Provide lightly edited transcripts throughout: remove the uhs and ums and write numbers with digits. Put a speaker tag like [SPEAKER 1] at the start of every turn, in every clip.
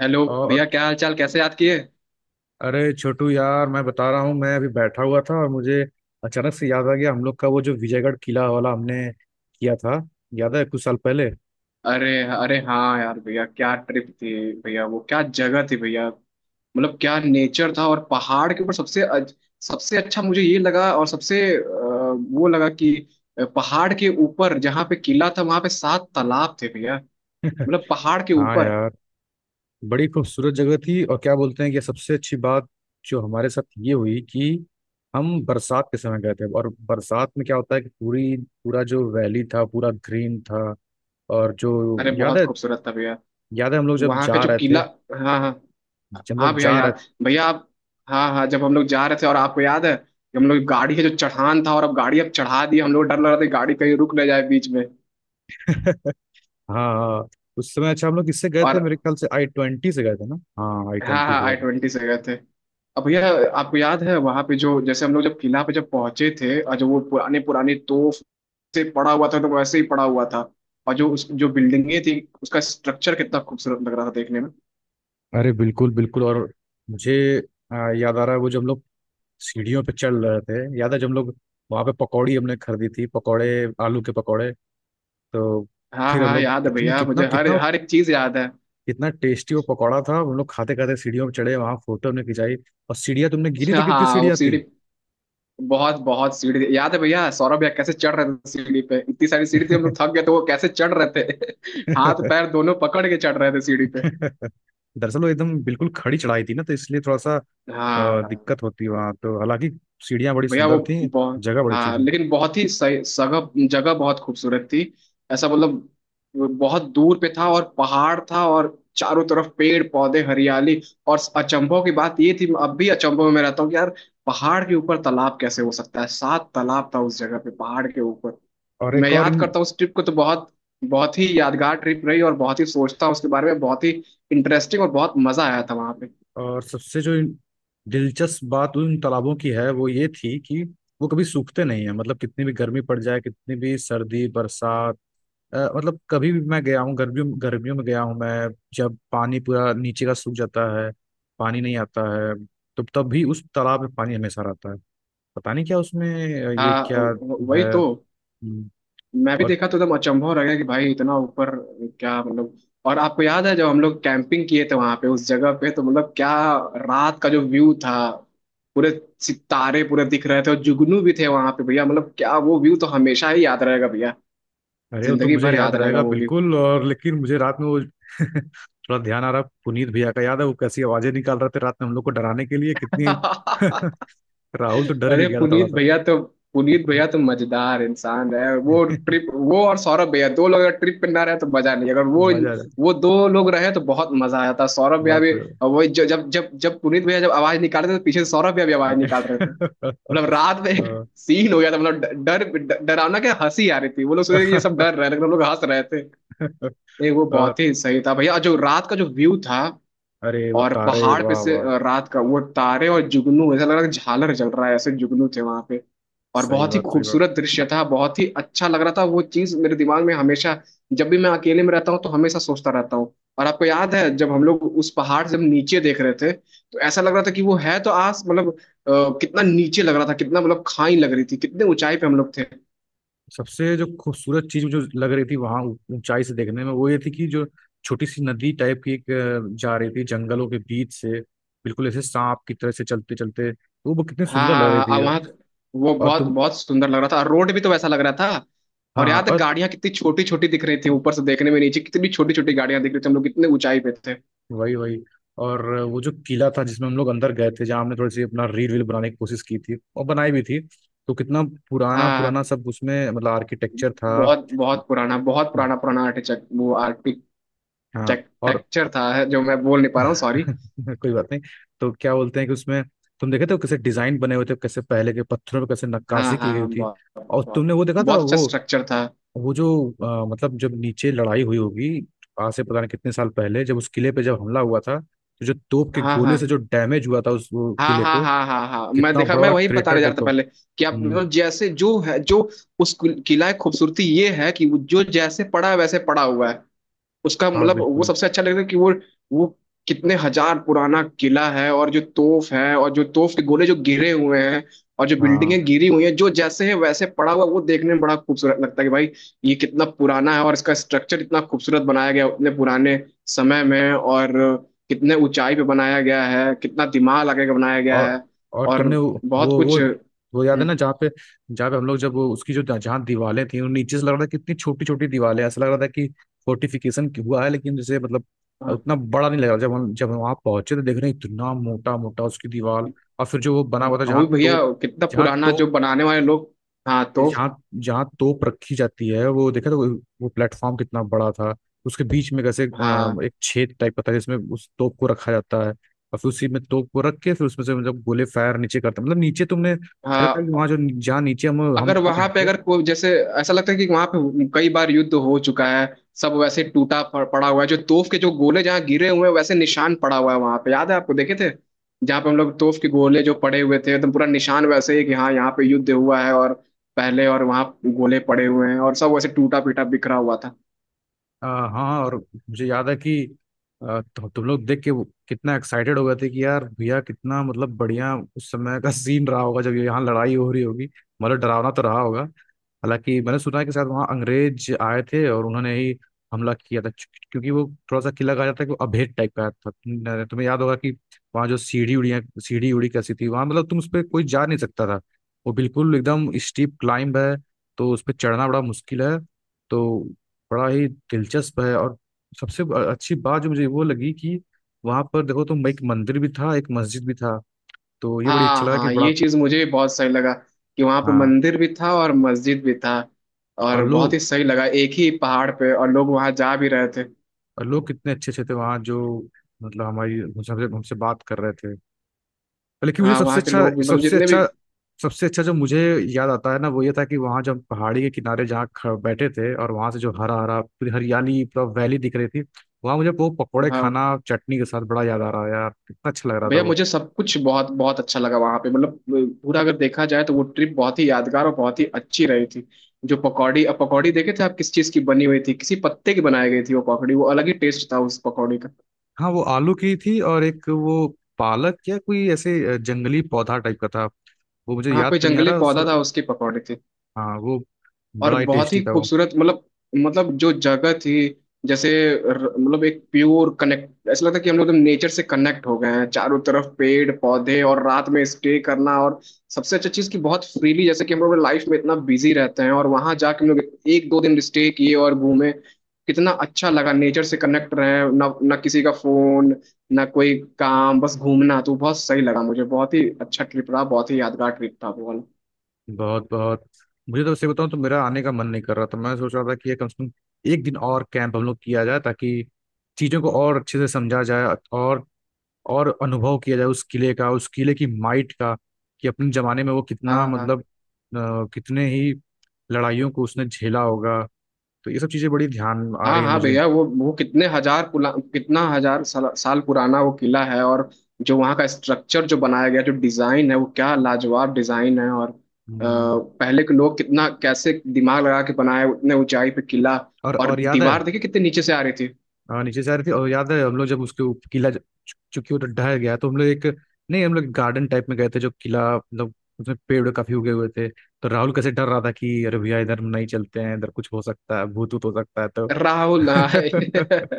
[SPEAKER 1] Hello भैया,
[SPEAKER 2] और
[SPEAKER 1] क्या हाल चाल? कैसे याद किए?
[SPEAKER 2] अरे छोटू यार मैं बता रहा हूँ। मैं अभी बैठा हुआ था और मुझे अचानक से याद आ गया हम लोग का वो जो विजयगढ़ किला वाला हमने किया था। याद है कुछ साल पहले?
[SPEAKER 1] अरे अरे, हाँ यार भैया, क्या ट्रिप थी। भैया, वो क्या जगह थी भैया। मतलब क्या नेचर था। और पहाड़ के ऊपर सबसे अच्छा मुझे ये लगा, और सबसे वो लगा कि पहाड़ के ऊपर जहाँ पे किला था वहाँ पे सात तालाब थे भैया। मतलब पहाड़ के
[SPEAKER 2] हाँ
[SPEAKER 1] ऊपर।
[SPEAKER 2] यार, बड़ी खूबसूरत जगह थी। और क्या बोलते हैं कि सबसे अच्छी बात जो हमारे साथ ये हुई कि हम बरसात के समय गए थे। और बरसात में क्या होता है कि पूरी पूरा जो वैली था पूरा ग्रीन था। और जो,
[SPEAKER 1] अरे
[SPEAKER 2] याद
[SPEAKER 1] बहुत
[SPEAKER 2] है?
[SPEAKER 1] खूबसूरत था भैया।
[SPEAKER 2] याद है हम लोग जब
[SPEAKER 1] वहाँ का
[SPEAKER 2] जा
[SPEAKER 1] जो
[SPEAKER 2] रहे थे,
[SPEAKER 1] किला। हाँ हाँ।
[SPEAKER 2] हम
[SPEAKER 1] हाँ
[SPEAKER 2] लोग
[SPEAKER 1] भैया,
[SPEAKER 2] जा रहे
[SPEAKER 1] याद, भैया आप। हाँ हाँ, जब हम लोग जा रहे थे और आपको याद है कि हम लोग गाड़ी है जो चढ़ान था, और अब गाड़ी अब चढ़ा दी, हम लोग डर लग रहा था कि गाड़ी कहीं रुक ना जाए बीच में।
[SPEAKER 2] थे हाँ हाँ, उस समय। अच्छा, हम लोग किससे गए
[SPEAKER 1] और
[SPEAKER 2] थे? मेरे ख्याल से आई ट्वेंटी से गए थे ना। हाँ, आई
[SPEAKER 1] हाँ
[SPEAKER 2] ट्वेंटी
[SPEAKER 1] हाँ,
[SPEAKER 2] से गए
[SPEAKER 1] आई
[SPEAKER 2] थे।
[SPEAKER 1] ट्वेंटी से गए थे। अब भैया, आपको याद है वहाँ पे जो जैसे हम लोग जब किला पे जब पहुंचे थे, और जो वो पुराने पुराने तोप से पड़ा हुआ था, तो वैसे ही पड़ा हुआ था। और जो उस जो बिल्डिंगें थी उसका स्ट्रक्चर कितना खूबसूरत लग रहा था देखने में।
[SPEAKER 2] अरे बिल्कुल बिल्कुल। और मुझे याद आ रहा है वो जब हम लोग सीढ़ियों पे चढ़ रहे थे। याद है जब हम लोग वहाँ पे पकौड़ी हमने खरीदी थी, पकौड़े, आलू के पकौड़े। तो
[SPEAKER 1] हाँ
[SPEAKER 2] फिर हम
[SPEAKER 1] हाँ,
[SPEAKER 2] लोग
[SPEAKER 1] याद है
[SPEAKER 2] कितने
[SPEAKER 1] भैया,
[SPEAKER 2] कितना
[SPEAKER 1] मुझे हर
[SPEAKER 2] कितना
[SPEAKER 1] हर एक चीज याद है।
[SPEAKER 2] कितना टेस्टी वो पकौड़ा था। हम लोग खाते खाते सीढ़ियों पे चढ़े, वहाँ फोटो हमने खिंचाई। और सीढ़ियाँ तुमने गिनी थी, कितनी
[SPEAKER 1] हाँ वो
[SPEAKER 2] सीढ़ियाँ थी?
[SPEAKER 1] सीढ़ी। बहुत बहुत सीढ़ी थी। याद है भैया, सौरभ भैया कैसे चढ़ रहे थे सीढ़ी पे? इतनी सारी सीढ़ी थी, हम लोग थक गए थे, वो कैसे चढ़ रहे थे। हाथ पैर दोनों पकड़ के चढ़ रहे थे सीढ़ी पे।
[SPEAKER 2] दरअसल वो एकदम बिल्कुल खड़ी चढ़ाई थी ना, तो इसलिए थोड़ा सा
[SPEAKER 1] हाँ
[SPEAKER 2] दिक्कत होती वहाँ। तो हालांकि सीढ़ियाँ बड़ी
[SPEAKER 1] भैया वो
[SPEAKER 2] सुंदर थी,
[SPEAKER 1] बहुत।
[SPEAKER 2] जगह बड़ी अच्छी
[SPEAKER 1] हाँ
[SPEAKER 2] थी।
[SPEAKER 1] लेकिन बहुत ही सही सगह जगह बहुत खूबसूरत थी। ऐसा मतलब। वो बहुत दूर पे था, और पहाड़ था, और चारों तरफ पेड़ पौधे हरियाली। और अचंभों की बात ये थी, अब भी अचंभों में रहता हूँ कि यार पहाड़ के ऊपर तालाब कैसे हो सकता है। सात तालाब था उस जगह पे पहाड़ के ऊपर।
[SPEAKER 2] और
[SPEAKER 1] मैं
[SPEAKER 2] एक और
[SPEAKER 1] याद
[SPEAKER 2] इन
[SPEAKER 1] करता हूँ उस ट्रिप को तो बहुत बहुत ही यादगार ट्रिप रही। और बहुत ही सोचता हूँ उसके बारे में, बहुत ही इंटरेस्टिंग, और बहुत मजा आया था वहां पे।
[SPEAKER 2] और सबसे जो दिलचस्प बात उन तालाबों की है वो ये थी कि वो कभी सूखते नहीं है। मतलब कितनी भी गर्मी पड़ जाए, कितनी भी सर्दी, बरसात, मतलब कभी भी मैं गया हूँ, गर्मियों गर्मियों में गया हूँ मैं, जब पानी पूरा नीचे का सूख जाता है, पानी नहीं आता है, तो तब भी उस तालाब में पानी हमेशा रहता है। पता नहीं क्या उसमें ये
[SPEAKER 1] हाँ
[SPEAKER 2] क्या
[SPEAKER 1] वही
[SPEAKER 2] है।
[SPEAKER 1] तो।
[SPEAKER 2] हम्म,
[SPEAKER 1] मैं भी
[SPEAKER 2] और
[SPEAKER 1] देखा तो एकदम अचंभव हो रह गया कि भाई इतना ऊपर। क्या मतलब। और आपको याद है जब हम लोग कैंपिंग किए थे वहां पे, उस जगह पे, तो मतलब क्या रात का जो व्यू था! पूरे सितारे पूरे दिख रहे थे, और जुगनू भी थे वहां पे भैया। मतलब क्या, वो व्यू तो हमेशा ही याद रहेगा भैया।
[SPEAKER 2] अरे वो तो
[SPEAKER 1] जिंदगी
[SPEAKER 2] मुझे
[SPEAKER 1] भर
[SPEAKER 2] याद
[SPEAKER 1] याद रहेगा
[SPEAKER 2] रहेगा
[SPEAKER 1] वो व्यू।
[SPEAKER 2] बिल्कुल। और लेकिन मुझे रात में वो थोड़ा ध्यान आ रहा पुनीत भैया का। याद है वो कैसी आवाजें निकाल रहे थे रात में हम लोग को डराने के लिए, कितनी? राहुल तो डर भी
[SPEAKER 1] अरे
[SPEAKER 2] गया था थोड़ा
[SPEAKER 1] पुनीत
[SPEAKER 2] सा।
[SPEAKER 1] भैया तो। पुनीत भैया तो मजेदार इंसान है। वो ट्रिप, वो और सौरभ भैया, दो लोग अगर ट्रिप पे ना रहे तो मजा नहीं। अगर वो
[SPEAKER 2] मजा आ रहा है,
[SPEAKER 1] वो दो लोग रहे तो बहुत मजा आ जाता। सौरभ भैया
[SPEAKER 2] बहुत
[SPEAKER 1] भी।
[SPEAKER 2] मजा आ
[SPEAKER 1] और वही जब जब जब पुनीत भैया जब आवाज निकाल रहे थे, तो पीछे से सौरभ भैया भी आवाज निकाल रहे थे, मतलब रात में।
[SPEAKER 2] रहा।
[SPEAKER 1] सीन हो गया था, मतलब डरावना। क्या हंसी आ रही थी! वो लोग सोच रहे थे कि ये सब डर रहे हैं, लेकिन हम लोग हंस रहे थे। ये वो
[SPEAKER 2] और
[SPEAKER 1] बहुत ही सही था भैया। और जो रात का जो व्यू था,
[SPEAKER 2] अरे वो
[SPEAKER 1] और
[SPEAKER 2] तारे,
[SPEAKER 1] पहाड़ पे
[SPEAKER 2] वाह
[SPEAKER 1] से
[SPEAKER 2] वाह!
[SPEAKER 1] रात का वो तारे और जुगनू, ऐसा लग रहा था झालर जल रहा है, ऐसे जुगनू थे वहां पे। और
[SPEAKER 2] सही
[SPEAKER 1] बहुत ही
[SPEAKER 2] बात, सही बात।
[SPEAKER 1] खूबसूरत दृश्य था, बहुत ही अच्छा लग रहा था। वो चीज मेरे दिमाग में हमेशा, जब भी मैं अकेले में रहता हूँ तो हमेशा सोचता रहता हूँ। और आपको याद है जब हम लोग उस पहाड़ से हम नीचे देख रहे थे, तो ऐसा लग रहा था कि वो है तो आस, मतलब कितना नीचे लग रहा था, कितना मतलब खाई लग रही थी, कितने ऊंचाई पे हम लोग थे।
[SPEAKER 2] सबसे जो खूबसूरत चीज मुझे लग रही थी वहां ऊंचाई से देखने में वो ये थी कि जो छोटी सी नदी टाइप की एक जा रही थी जंगलों के बीच से, बिल्कुल ऐसे सांप की तरह से चलते चलते, तो वो कितनी
[SPEAKER 1] हाँ
[SPEAKER 2] सुंदर लग रही
[SPEAKER 1] हाँ हाँ,
[SPEAKER 2] थी।
[SPEAKER 1] वहाँ वो
[SPEAKER 2] और
[SPEAKER 1] बहुत
[SPEAKER 2] तुम
[SPEAKER 1] बहुत सुंदर लग रहा था। और रोड भी तो वैसा लग रहा था, और
[SPEAKER 2] हाँ
[SPEAKER 1] यहाँ तक
[SPEAKER 2] और,
[SPEAKER 1] गाड़ियाँ कितनी छोटी छोटी दिख रही थी ऊपर से देखने में, नीचे कितनी छोटी छोटी गाड़ियाँ दिख रही थी, हम लोग कितने ऊंचाई पे थे।
[SPEAKER 2] वही वही। और वो जो किला था जिसमें हम लोग अंदर गए थे, जहाँ हमने थोड़ी सी अपना रील वील बनाने की कोशिश की थी और बनाई भी थी, तो कितना पुराना
[SPEAKER 1] हाँ हाँ,
[SPEAKER 2] पुराना
[SPEAKER 1] हाँ।
[SPEAKER 2] सब उसमें मतलब आर्किटेक्चर था।
[SPEAKER 1] बहुत बहुत पुराना, बहुत पुराना पुराना आर्टिटेक्ट वो आर्किटेक्चर
[SPEAKER 2] हाँ और
[SPEAKER 1] था, जो मैं बोल नहीं पा रहा हूँ, सॉरी।
[SPEAKER 2] कोई बात नहीं। तो क्या बोलते हैं कि उसमें तुम देखे थे वो कैसे डिजाइन बने हुए थे, कैसे पहले के पत्थरों पे कैसे
[SPEAKER 1] हाँ
[SPEAKER 2] नक्काशी की गई
[SPEAKER 1] हाँ
[SPEAKER 2] थी।
[SPEAKER 1] बहुत।
[SPEAKER 2] और
[SPEAKER 1] बहुत।
[SPEAKER 2] तुमने वो देखा था?
[SPEAKER 1] बहुत अच्छा स्ट्रक्चर था।
[SPEAKER 2] वो जो मतलब जब नीचे लड़ाई हुई होगी आज से पता नहीं कितने साल पहले, जब उस किले पे जब हमला हुआ था, तो जो तोप के
[SPEAKER 1] हाँ
[SPEAKER 2] गोले से जो
[SPEAKER 1] हाँ
[SPEAKER 2] डैमेज हुआ था उस, वो
[SPEAKER 1] हाँ
[SPEAKER 2] किले
[SPEAKER 1] हाँ
[SPEAKER 2] को,
[SPEAKER 1] हाँ हाँ हाँ, मैं
[SPEAKER 2] कितना
[SPEAKER 1] देखा,
[SPEAKER 2] बड़ा
[SPEAKER 1] मैं
[SPEAKER 2] बड़ा
[SPEAKER 1] वही
[SPEAKER 2] क्रेटर
[SPEAKER 1] बताने जा रहा
[SPEAKER 2] टाइप
[SPEAKER 1] था
[SPEAKER 2] का।
[SPEAKER 1] पहले कि आप
[SPEAKER 2] हम्म,
[SPEAKER 1] मतलब जैसे जो है जो उस किला की खूबसूरती ये है कि वो जो जैसे पड़ा है वैसे पड़ा हुआ है। उसका
[SPEAKER 2] हाँ
[SPEAKER 1] मतलब वो
[SPEAKER 2] बिल्कुल।
[SPEAKER 1] सबसे अच्छा लगता है कि वो कितने हजार पुराना किला है, और जो तोप है और जो तोप के गोले जो गिरे हुए हैं, और जो
[SPEAKER 2] हाँ
[SPEAKER 1] बिल्डिंगें गिरी हुई हैं जो जैसे है वैसे पड़ा हुआ है, वो देखने में बड़ा खूबसूरत लगता है कि भाई ये कितना पुराना है, और इसका स्ट्रक्चर इतना खूबसूरत बनाया गया है उतने पुराने समय में, और कितने ऊंचाई पे बनाया गया है, कितना दिमाग लगा के बनाया गया
[SPEAKER 2] और
[SPEAKER 1] है।
[SPEAKER 2] और
[SPEAKER 1] और
[SPEAKER 2] तुमने वो
[SPEAKER 1] बहुत
[SPEAKER 2] वो
[SPEAKER 1] कुछ।
[SPEAKER 2] वो वो याद है ना जहाँ पे, हम लोग जब वो उसकी जो जहाँ दीवारें थी उन नीचे से लग रहा था कितनी छोटी छोटी दीवारें हैं। ऐसा लग रहा था कि फोर्टिफिकेशन हुआ है, लेकिन जैसे मतलब
[SPEAKER 1] हाँ।
[SPEAKER 2] उतना बड़ा नहीं लग रहा। जब हम वहाँ पहुंचे तो देख रहे हैं इतना मोटा मोटा उसकी दीवार। और फिर जो वो बना हुआ था
[SPEAKER 1] और
[SPEAKER 2] जहाँ
[SPEAKER 1] भैया,
[SPEAKER 2] तो,
[SPEAKER 1] कितना
[SPEAKER 2] जहाँ
[SPEAKER 1] पुराना,
[SPEAKER 2] तोप
[SPEAKER 1] जो बनाने वाले लोग। हाँ तो।
[SPEAKER 2] जहाँ जहाँ तोप रखी जाती है वो देखा तो, वो प्लेटफॉर्म कितना बड़ा था। उसके बीच में कैसे
[SPEAKER 1] हाँ
[SPEAKER 2] एक छेद टाइप का था जिसमें उस तोप को रखा जाता है, और फिर उसी में तोप को रख के फिर उसमें से मतलब गोले फायर नीचे करते हैं। मतलब नीचे तुमने कहा था कि वहाँ
[SPEAKER 1] हाँ,
[SPEAKER 2] जो जहाँ नीचे हम
[SPEAKER 1] अगर वहां पे
[SPEAKER 2] नहीं।
[SPEAKER 1] अगर कोई जैसे, ऐसा लगता है कि वहां पे कई बार युद्ध हो चुका है। सब वैसे टूटा पड़ा हुआ है, जो तोफ के जो गोले जहाँ गिरे हुए हैं, वैसे निशान पड़ा हुआ है वहां पे। याद है आपको, देखे थे जहाँ पे हम लोग तोफ के गोले जो पड़े हुए थे, एकदम पूरा निशान वैसे ही कि हाँ यहाँ पे युद्ध हुआ है, और पहले, और वहाँ गोले पड़े हुए हैं, और सब वैसे टूटा पीटा बिखरा हुआ था।
[SPEAKER 2] हाँ, और मुझे याद है कि तुम लोग देख के वो कितना एक्साइटेड हो गए थे कि यार भैया कितना मतलब बढ़िया उस समय का सीन रहा होगा जब यहाँ लड़ाई हो रही होगी। मतलब डरावना तो रहा होगा। हालांकि मैंने सुना है कि शायद वहाँ अंग्रेज आए थे और उन्होंने ही हमला किया था, क्योंकि वो थोड़ा सा किला, कहा जाता है कि वो अभेद टाइप का था। तुम्हें याद होगा कि वहाँ जो सीढ़ी उड़ी कैसी थी वहाँ, मतलब तुम उस पर कोई जा नहीं सकता था। वो बिल्कुल एकदम स्टीप क्लाइंब है, तो उस पर चढ़ना बड़ा मुश्किल है। तो बड़ा ही दिलचस्प है। और सबसे अच्छी बात जो मुझे वो लगी कि वहां पर देखो तुम, एक मंदिर भी था एक मस्जिद भी था। तो ये बड़ी अच्छा
[SPEAKER 1] हाँ
[SPEAKER 2] लगा कि
[SPEAKER 1] हाँ,
[SPEAKER 2] बड़ा,
[SPEAKER 1] ये चीज मुझे भी बहुत सही लगा कि वहां पे
[SPEAKER 2] हाँ।
[SPEAKER 1] मंदिर भी था और मस्जिद भी था।
[SPEAKER 2] और
[SPEAKER 1] और बहुत
[SPEAKER 2] लोग
[SPEAKER 1] ही सही लगा, एक ही पहाड़ पे, और लोग वहां जा भी रहे थे।
[SPEAKER 2] और लोग कितने अच्छे अच्छे थे वहाँ जो, मतलब हमारी हमसे हमसे बात कर रहे थे। लेकिन मुझे
[SPEAKER 1] हाँ वहाँ के लोग भी मतलब जितने भी।
[SPEAKER 2] सबसे अच्छा जो मुझे याद आता है ना वो ये था कि वहाँ जब पहाड़ी के किनारे जहाँ बैठे थे और वहां से जो हरा हरा पूरी हरियाली पूरा वैली दिख रही थी, वहां मुझे वो पकौड़े
[SPEAKER 1] हाँ
[SPEAKER 2] खाना चटनी के साथ बड़ा याद आ रहा है यार, कितना अच्छा लग रहा था
[SPEAKER 1] भैया,
[SPEAKER 2] वो।
[SPEAKER 1] मुझे सब कुछ बहुत बहुत अच्छा लगा वहां पे। मतलब पूरा अगर देखा जाए तो वो ट्रिप बहुत ही यादगार और बहुत ही अच्छी रही थी। जो पकौड़ी, अब पकौड़ी देखे थे आप, किस चीज की बनी हुई थी? किसी पत्ते की बनाई गई थी वो पकौड़ी, वो अलग ही टेस्ट था उस पकौड़ी का।
[SPEAKER 2] हाँ वो आलू की थी, और एक वो पालक या कोई ऐसे जंगली पौधा टाइप का था। वो मुझे
[SPEAKER 1] कहाँ
[SPEAKER 2] याद
[SPEAKER 1] पे
[SPEAKER 2] तो नहीं आ
[SPEAKER 1] जंगली
[SPEAKER 2] रहा
[SPEAKER 1] पौधा
[SPEAKER 2] सर।
[SPEAKER 1] था उसकी पकौड़ी थी।
[SPEAKER 2] हाँ वो
[SPEAKER 1] और
[SPEAKER 2] बड़ा ही
[SPEAKER 1] बहुत ही
[SPEAKER 2] टेस्टी था वो।
[SPEAKER 1] खूबसूरत, मतलब, मतलब जो जगह थी, जैसे मतलब एक प्योर कनेक्ट, ऐसा लगता है कि हम लोग एकदम नेचर से कनेक्ट हो गए हैं। चारों तरफ पेड़ पौधे और रात में स्टे करना, और सबसे अच्छा चीज़ कि बहुत फ्रीली, जैसे कि हम लोग लाइफ में इतना बिजी रहते हैं, और वहां जाके हम लोग एक दो दिन स्टे किए और घूमे, कितना अच्छा लगा नेचर से कनेक्ट रहे। ना ना किसी का फोन, ना कोई काम, बस घूमना, तो बहुत सही लगा मुझे। बहुत ही अच्छा ट्रिप रहा, बहुत ही यादगार ट्रिप था वो वाला।
[SPEAKER 2] बहुत बहुत। मुझे तो सही बताऊँ तो मेरा आने का मन नहीं कर रहा था। मैं सोच रहा था कि ये कम से कम एक दिन और कैंप हम लोग किया जाए, ताकि चीज़ों को और अच्छे से समझा जाए और और अनुभव किया जाए उस किले का, उस किले की माइट का, कि अपने ज़माने में वो कितना
[SPEAKER 1] हाँ हाँ
[SPEAKER 2] मतलब कितने ही लड़ाइयों को उसने झेला होगा। तो ये सब चीज़ें बड़ी ध्यान आ
[SPEAKER 1] हाँ
[SPEAKER 2] रही है
[SPEAKER 1] हाँ
[SPEAKER 2] मुझे।
[SPEAKER 1] भैया, वो कितने हजार पुला कितना हजार साल पुराना वो किला है। और जो वहाँ का स्ट्रक्चर जो बनाया गया, जो डिजाइन है, वो क्या लाजवाब डिजाइन है। और
[SPEAKER 2] हम्म,
[SPEAKER 1] पहले के लोग कितना कैसे दिमाग लगा के बनाए उतने ऊंचाई पे किला। और
[SPEAKER 2] और याद है?
[SPEAKER 1] दीवार देखिए कितने नीचे से आ रही थी।
[SPEAKER 2] हाँ नीचे से आ रही थी। और याद है हम लोग जब उसके चूंकि वो ढह गया तो हम लोग एक नहीं हम लोग गार्डन टाइप में गए थे जो किला मतलब, उसमें पेड़ काफी उगे हुए थे, तो राहुल कैसे डर रहा था कि अरे भैया इधर हम नहीं चलते हैं, इधर कुछ हो सकता है, भूत भूत हो सकता है तो।
[SPEAKER 1] राहुल। हाँ,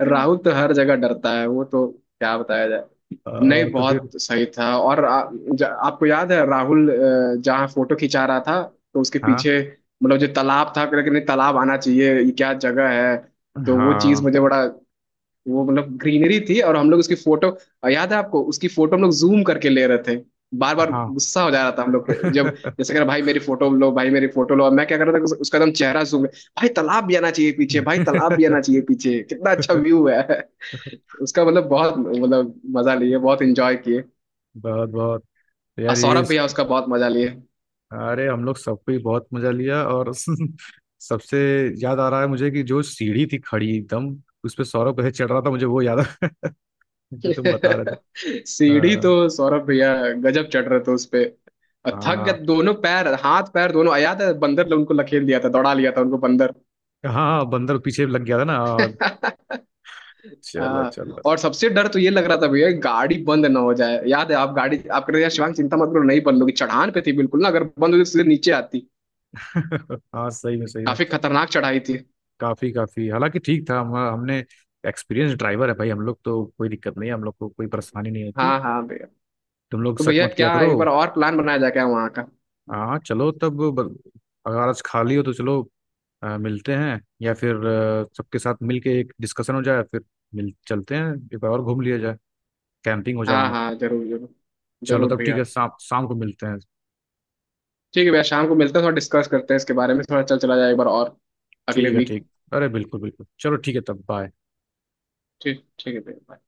[SPEAKER 1] राहुल तो हर जगह डरता है, वो तो क्या बताया जाए। नहीं
[SPEAKER 2] तो फिर
[SPEAKER 1] बहुत सही था। और आपको याद है राहुल जहाँ फोटो खिंचा रहा था, तो उसके
[SPEAKER 2] हाँ
[SPEAKER 1] पीछे मतलब जो तालाब था, लेकिन नहीं तालाब आना चाहिए, ये क्या जगह है? तो वो चीज
[SPEAKER 2] हाँ
[SPEAKER 1] मुझे बड़ा, वो मतलब ग्रीनरी थी, और हम लोग उसकी फोटो, और याद है आपको उसकी फोटो हम लोग जूम करके ले रहे थे। बार बार
[SPEAKER 2] हाँ।
[SPEAKER 1] गुस्सा हो जा रहा था हम लोग पे। जब जैसे कह रहा, भाई मेरी फोटो लो, भाई मेरी फोटो लो, और मैं क्या कर रहा था कि उसका एकदम चेहरा जूम, भाई तालाब भी आना चाहिए पीछे, भाई तालाब भी आना चाहिए पीछे, कितना अच्छा व्यू है। उसका मतलब बहुत, मतलब मजा लिए, बहुत इंजॉय किए।
[SPEAKER 2] बहुत बहुत। तो
[SPEAKER 1] और
[SPEAKER 2] यार यही।
[SPEAKER 1] सौरभ भैया उसका बहुत मजा लिए।
[SPEAKER 2] अरे हम लोग सबको ही बहुत मजा लिया। और सबसे याद आ रहा है मुझे कि जो सीढ़ी थी खड़ी एकदम, उस पे सौरभ कैसे चढ़ रहा था, मुझे वो याद आ जो तुम बता रहे थे।
[SPEAKER 1] सीढ़ी तो
[SPEAKER 2] हाँ
[SPEAKER 1] सौरभ भैया गजब चढ़ रहे थे उस पे। और थक गए
[SPEAKER 2] हाँ
[SPEAKER 1] दोनों पैर, हाथ पैर दोनों, याद है, बंदर ने उनको लखेल दिया था, दौड़ा लिया था उनको बंदर।
[SPEAKER 2] हाँ। हाँ, बंदर पीछे लग गया था ना। हाँ, चलो
[SPEAKER 1] हाँ,
[SPEAKER 2] चलो।
[SPEAKER 1] और सबसे डर तो ये लग रहा था भैया गाड़ी बंद ना हो जाए। याद है, आप गाड़ी, आप कह रहे थे, शिवांग चिंता मत करो, नहीं बंद होगी, चढ़ान पे थी बिल्कुल, ना अगर बंद होती तो सीधे नीचे आती।
[SPEAKER 2] हाँ सही में, सही में।
[SPEAKER 1] काफी खतरनाक चढ़ाई थी।
[SPEAKER 2] काफी काफी। हालांकि ठीक था, हम हमने एक्सपीरियंस ड्राइवर है भाई, हम लोग तो कोई दिक्कत नहीं है, हम लोग को कोई परेशानी नहीं होती।
[SPEAKER 1] हाँ हाँ भैया।
[SPEAKER 2] तुम लोग
[SPEAKER 1] तो
[SPEAKER 2] शक
[SPEAKER 1] भैया
[SPEAKER 2] मत किया
[SPEAKER 1] क्या
[SPEAKER 2] करो।
[SPEAKER 1] एक बार और प्लान बनाया जाए क्या वहाँ का?
[SPEAKER 2] हाँ चलो तब अगर आज खाली हो तो चलो मिलते हैं, या फिर सबके साथ मिलके एक डिस्कशन हो जाए, फिर मिल चलते हैं, एक बार और घूम लिया जाए, कैंपिंग हो जाए
[SPEAKER 1] हाँ
[SPEAKER 2] वहाँ।
[SPEAKER 1] हाँ जरूर जरूर।
[SPEAKER 2] चलो
[SPEAKER 1] जरूर
[SPEAKER 2] तब ठीक
[SPEAKER 1] भैया।
[SPEAKER 2] है, शाम शाम को मिलते हैं।
[SPEAKER 1] ठीक है भैया, शाम को मिलते हैं, थोड़ा डिस्कस करते हैं इसके बारे में, थोड़ा चल चला जाए एक बार और, अगले
[SPEAKER 2] ठीक है,
[SPEAKER 1] वीक।
[SPEAKER 2] ठीक। अरे बिल्कुल बिल्कुल, चलो ठीक है तब, बाय।
[SPEAKER 1] ठीक, ठीक है भैया।